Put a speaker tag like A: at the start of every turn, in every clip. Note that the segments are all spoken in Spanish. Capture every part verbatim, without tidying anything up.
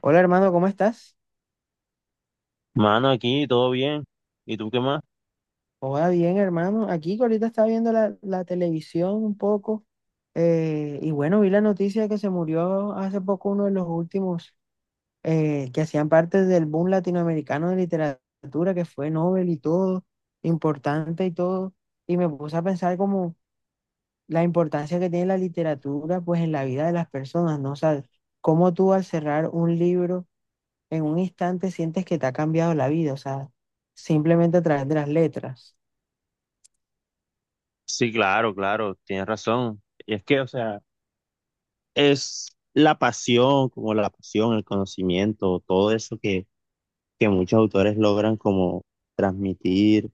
A: Hola hermano, ¿cómo estás?
B: Mano, aquí todo bien. ¿Y tú qué más?
A: Hola, bien hermano. Aquí que ahorita estaba viendo la, la televisión un poco, eh, y bueno, vi la noticia de que se murió hace poco uno de los últimos eh, que hacían parte del boom latinoamericano de literatura, que fue Nobel y todo, importante y todo. Y me puse a pensar como la importancia que tiene la literatura pues en la vida de las personas, ¿no? O sea, cómo tú al cerrar un libro en un instante sientes que te ha cambiado la vida, o sea, simplemente a través de las letras.
B: Sí, claro, claro, tienes razón. Y es que, o sea, es la pasión, como la pasión, el conocimiento, todo eso que, que muchos autores logran como transmitir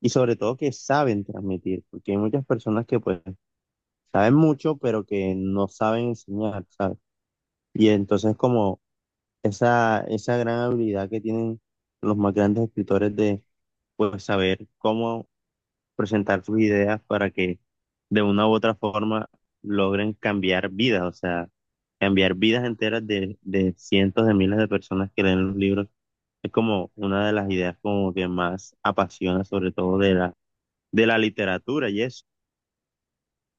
B: y sobre todo que saben transmitir, porque hay muchas personas que pues saben mucho, pero que no saben enseñar, ¿sabes? Y entonces como esa, esa gran habilidad que tienen los más grandes escritores de pues saber cómo presentar sus ideas para que de una u otra forma logren cambiar vidas, o sea, cambiar vidas enteras de, de cientos de miles de personas que leen los libros. Es como una de las ideas como que más apasiona, sobre todo de la, de la literatura y eso.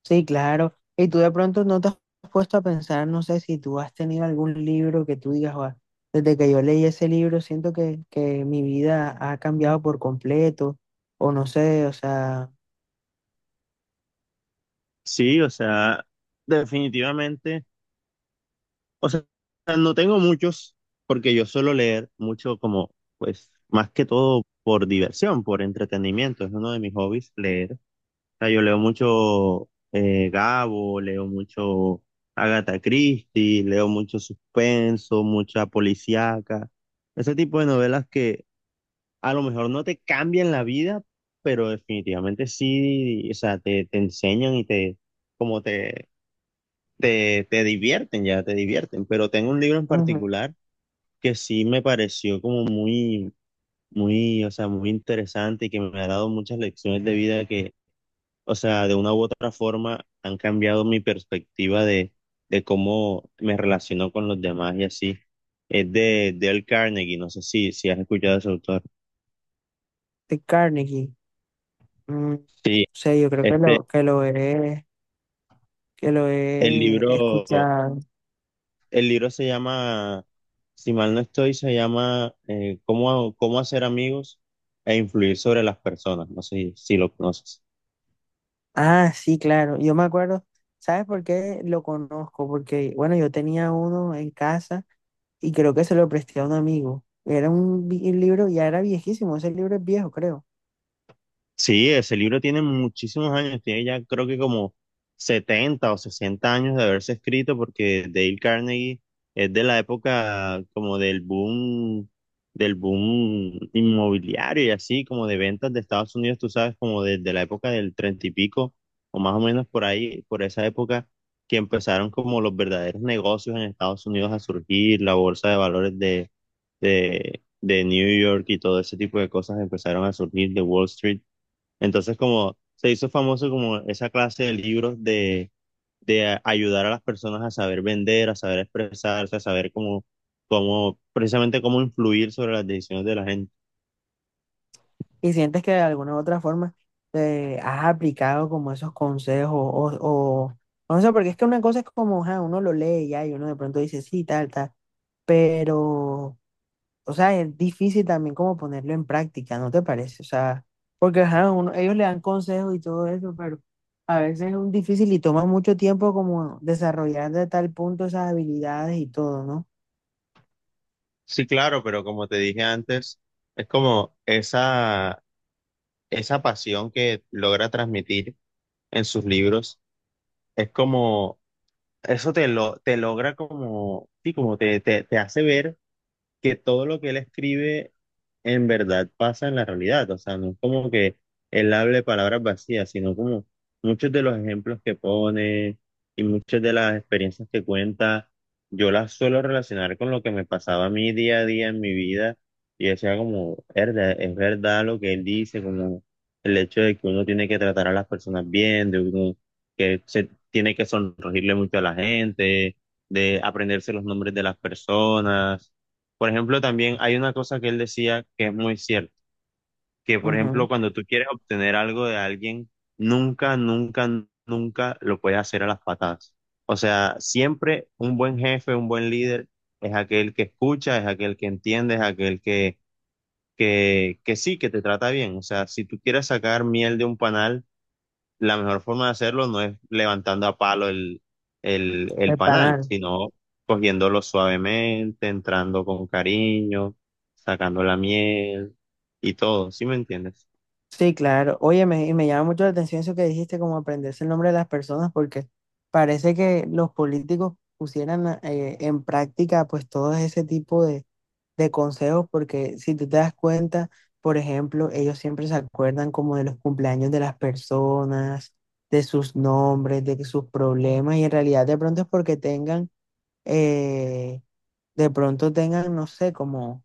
A: Sí, claro. Y tú de pronto no te has puesto a pensar, no sé si tú has tenido algún libro que tú digas, "Guau, desde que yo leí ese libro, siento que, que mi vida ha cambiado por completo, o no sé, o sea,
B: Sí, o sea, definitivamente, o sea, no tengo muchos, porque yo suelo leer mucho como, pues, más que todo por diversión, por entretenimiento, es uno de mis hobbies, leer sea, yo leo mucho eh, Gabo, leo mucho Agatha Christie, leo mucho suspenso, mucha policíaca, ese tipo de novelas que a lo mejor no te cambian la vida, pero definitivamente sí, o sea, te, te enseñan y te, como te, te, te divierten, ya te divierten. Pero tengo un libro en
A: ujú,
B: particular que sí me pareció como muy, muy, o sea, muy interesante y que me ha dado muchas lecciones de vida, o sea, de una u otra forma han cambiado mi perspectiva de, de cómo me relaciono con los demás y así. Es de Dale Carnegie, no sé si, si has escuchado a ese autor.
A: de Carnegie. Mm, o
B: Sí,
A: sea, yo creo que
B: este,
A: lo, que lo he, que lo
B: el
A: he
B: libro,
A: escuchado.
B: el libro se llama, si mal no estoy, se llama eh, ¿Cómo, cómo hacer amigos e influir sobre las personas? No sé si si lo conoces.
A: Ah, sí, claro. Yo me acuerdo, ¿sabes por qué lo conozco? Porque, bueno, yo tenía uno en casa. Y creo que se lo presté a un amigo. Era un, vi- un libro, ya era viejísimo, ese libro es viejo, creo.
B: Sí, ese libro tiene muchísimos años, tiene ya creo que como setenta o sesenta años de haberse escrito porque Dale Carnegie es de la época como del boom, del boom inmobiliario y así, como de ventas de Estados Unidos, tú sabes, como desde la época del treinta y pico o más o menos por ahí, por esa época que empezaron como los verdaderos negocios en Estados Unidos a surgir, la bolsa de valores de, de, de New York y todo ese tipo de cosas empezaron a surgir de Wall Street. Entonces, como se hizo famoso como esa clase de libros de, de a- ayudar a las personas a saber vender, a saber expresarse, a saber cómo, cómo, precisamente cómo influir sobre las decisiones de la gente.
A: Y sientes que de alguna u otra forma, eh, has aplicado como esos consejos o, o, o no sé, porque es que una cosa es como, ajá, uno lo lee ya y uno de pronto dice, sí, tal, tal, pero, o sea, es difícil también como ponerlo en práctica, ¿no te parece? O sea, porque ajá, uno- ellos le dan consejos y todo eso, pero a veces es un difícil y toma mucho tiempo como desarrollar de tal punto esas habilidades y todo, ¿no?
B: Sí, claro, pero como te dije antes, es como esa, esa pasión que logra transmitir en sus libros, es como, eso te lo, te logra como, sí, como te, te, te hace ver que todo lo que él escribe en verdad pasa en la realidad. O sea, no es como que él hable palabras vacías, sino como muchos de los ejemplos que pone y muchas de las experiencias que cuenta, yo las suelo relacionar con lo que me pasaba a mí día a día en mi vida y decía como, "Erda, es verdad lo que él dice", como el hecho de que uno tiene que tratar a las personas bien, de uno que se tiene que sonreírle mucho a la gente, de aprenderse los nombres de las personas. Por ejemplo, también hay una cosa que él decía que es muy cierta, que por
A: Ujú.
B: ejemplo, cuando tú quieres obtener algo de alguien, nunca, nunca, nunca lo puedes hacer a las patadas. O sea, siempre un buen jefe, un buen líder es aquel que escucha, es aquel que entiende, es aquel que, que, que sí, que te trata bien. O sea, si tú quieres sacar miel de un panal, la mejor forma de hacerlo no es levantando a palo el, el, el
A: El
B: panal,
A: panal.
B: sino cogiéndolo suavemente, entrando con cariño, sacando la miel y todo, ¿sí me entiendes?
A: Sí, claro. Oye, me, y me llama mucho la atención eso que dijiste, como aprenderse el nombre de las personas, porque parece que los políticos pusieran a- eh, en práctica pues todo ese tipo de, de consejos, porque si tú te das cuenta, por ejemplo, ellos siempre se acuerdan como de los cumpleaños de las personas, de sus nombres, de sus problemas, y en realidad de pronto es porque tengan, eh, de pronto tengan, no sé, como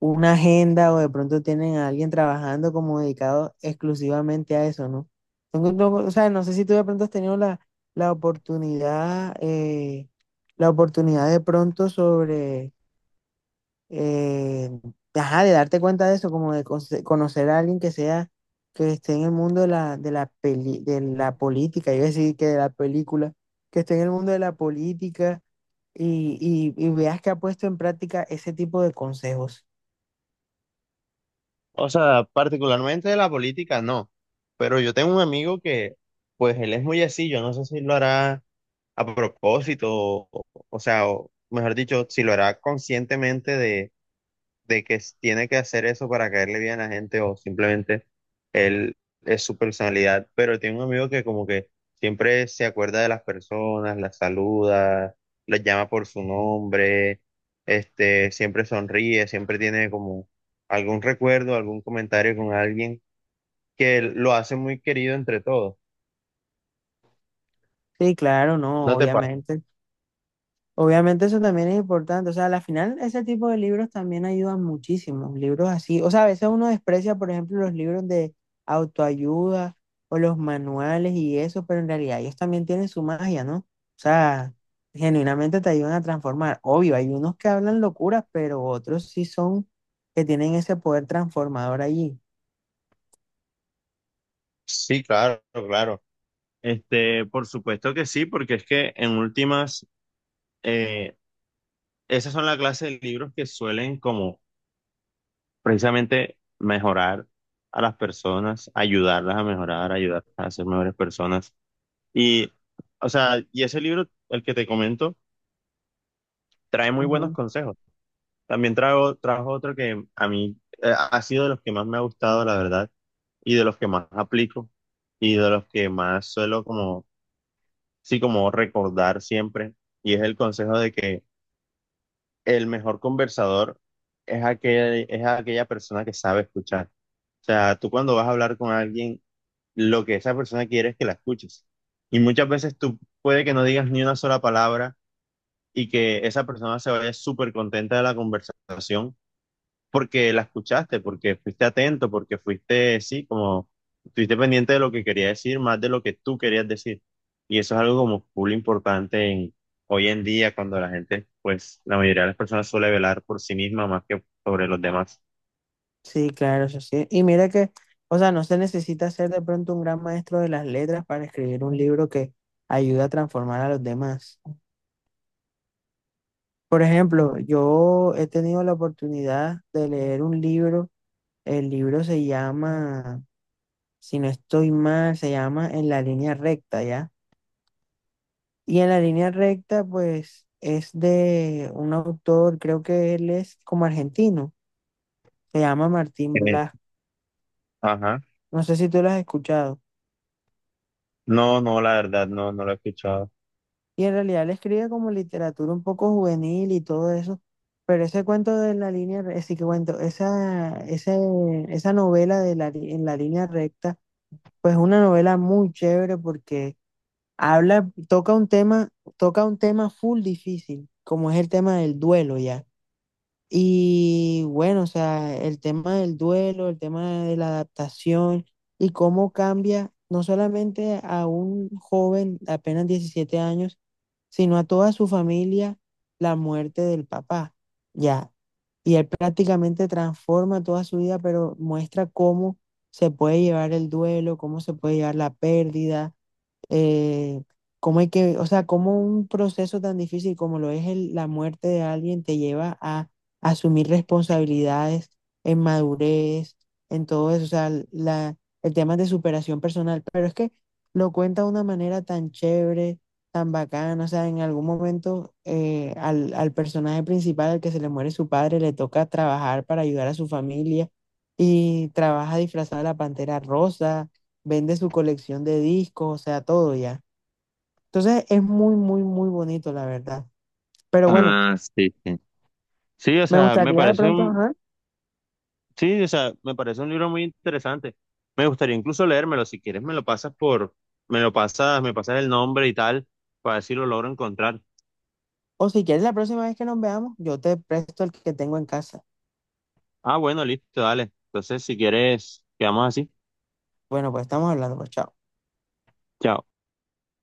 A: una agenda o de pronto tienen a alguien trabajando como dedicado exclusivamente a eso, ¿no? Tengo- no, o sea, no sé si tú de pronto has tenido la, la oportunidad, eh, la oportunidad de pronto sobre, eh, ajá, de darte cuenta de eso, como de conce- conocer a alguien que sea, que esté en el mundo de la, de la peli- de la política, yo decir que de la película, que esté en el mundo de la política y, y y veas que ha puesto en práctica ese tipo de consejos.
B: O sea, particularmente de la política, no. Pero yo tengo un amigo que, pues él es muy así, yo no sé si lo hará a propósito, o, o sea, o, mejor dicho, si lo hará conscientemente de que s- tiene que hacer eso para caerle bien a la gente o simplemente él es su personalidad, pero tiene un amigo que como que siempre se acuerda de las personas, las saluda, las llama por su nombre, este, siempre sonríe, siempre tiene como algún recuerdo, algún comentario con alguien que lo hace muy querido entre todos.
A: Sí, claro, no,
B: ¿No te pasa?
A: obviamente. Obviamente eso también es importante. O sea, al final ese tipo de libros también ayudan muchísimo. Libros así. O sea, a veces uno desprecia, por ejemplo, los libros de autoayuda o los manuales y eso, pero en realidad ellos también tienen su magia, ¿no? O sea, genuinamente te ayudan a transformar. Obvio, hay unos que hablan locuras, pero otros sí son que tienen ese poder transformador allí.
B: Sí, claro, claro. Este, por supuesto que sí, porque es que en últimas, eh, esas son la clase de libros que suelen como precisamente mejorar a las personas, ayudarlas a mejorar, ayudarlas a ser mejores personas. Y, o sea, y ese libro, el que te comento, trae muy buenos consejos. También trajo, trajo otro que a mí eh, ha sido de los que más me ha gustado, la verdad, y de los que más aplico, y de los que más suelo como, sí, como recordar siempre, y es el consejo de que el mejor conversador es aquel, es aquella persona que sabe escuchar. O sea, tú cuando vas a hablar con alguien, lo que esa persona quiere es que la escuches. Y muchas veces tú puede que no digas ni una sola palabra y que esa persona se vaya súper contenta de la conversación porque la escuchaste, porque fuiste atento, porque fuiste, sí, como estuviste pendiente de lo que quería decir más de lo que tú querías decir. Y eso es algo como full importante en- hoy en día cuando la gente, pues la mayoría de las personas suele velar por sí misma más que sobre los demás.
A: Sí, claro, eso sí. Y mira que, o sea, no se necesita ser de pronto un gran maestro de las letras para escribir un libro que ayuda a transformar a los demás. Por ejemplo, yo he tenido la oportunidad de leer un libro. El libro se llama, si no estoy mal, se llama En la línea recta, ¿ya? Y en la línea recta, pues, es de un autor, creo que él es como argentino, se llama Martín
B: Eh,
A: Blas.
B: ajá.
A: No sé si tú lo has escuchado.
B: No, no, la verdad, no, no lo he escuchado.
A: Y en realidad él escribe como literatura un poco juvenil y todo eso. Pero ese cuento de la línea, re- ese que cuento, esa, ese- esa novela de la, li- en la línea recta, pues es una novela muy chévere porque habla, toca un tema, toca un tema full difícil, como es el tema del duelo ya. Y bueno, o sea, el tema del duelo, el tema de la adaptación y cómo cambia no solamente a un joven de apenas diecisiete años, sino a toda su familia la muerte del papá, ya. Y él prácticamente transforma toda su vida, pero muestra cómo se puede llevar el duelo, cómo se puede llevar la pérdida, eh, cómo hay que, o sea, cómo un proceso tan difícil como lo es el- la muerte de alguien te lleva a asumir responsabilidades en madurez, en todo eso, o sea, la, el tema de superación personal, pero es que lo cuenta de una manera tan chévere, tan bacana. O sea, en algún momento, eh, al, al personaje principal, al que se le muere su padre, le toca trabajar para ayudar a su familia y trabaja disfrazada de la pantera rosa, vende su colección de discos, o sea, todo ya. Entonces es muy, muy, muy bonito, la verdad. Pero bueno,
B: Ah, sí, sí. Sí, o
A: me
B: sea, me
A: gustaría de
B: parece
A: pronto,
B: un,
A: ajá,
B: sí, o sea, me parece un libro muy interesante. Me gustaría incluso leérmelo. Si quieres, me lo pasas por, me lo pasas, me pasas el nombre y tal, para ver si lo logro encontrar.
A: o si quieres la próxima vez que nos veamos, yo te presto el que tengo en casa.
B: Ah, bueno, listo, dale. Entonces, si quieres, quedamos así.
A: Bueno, pues estamos hablando, pues chao.
B: Chao.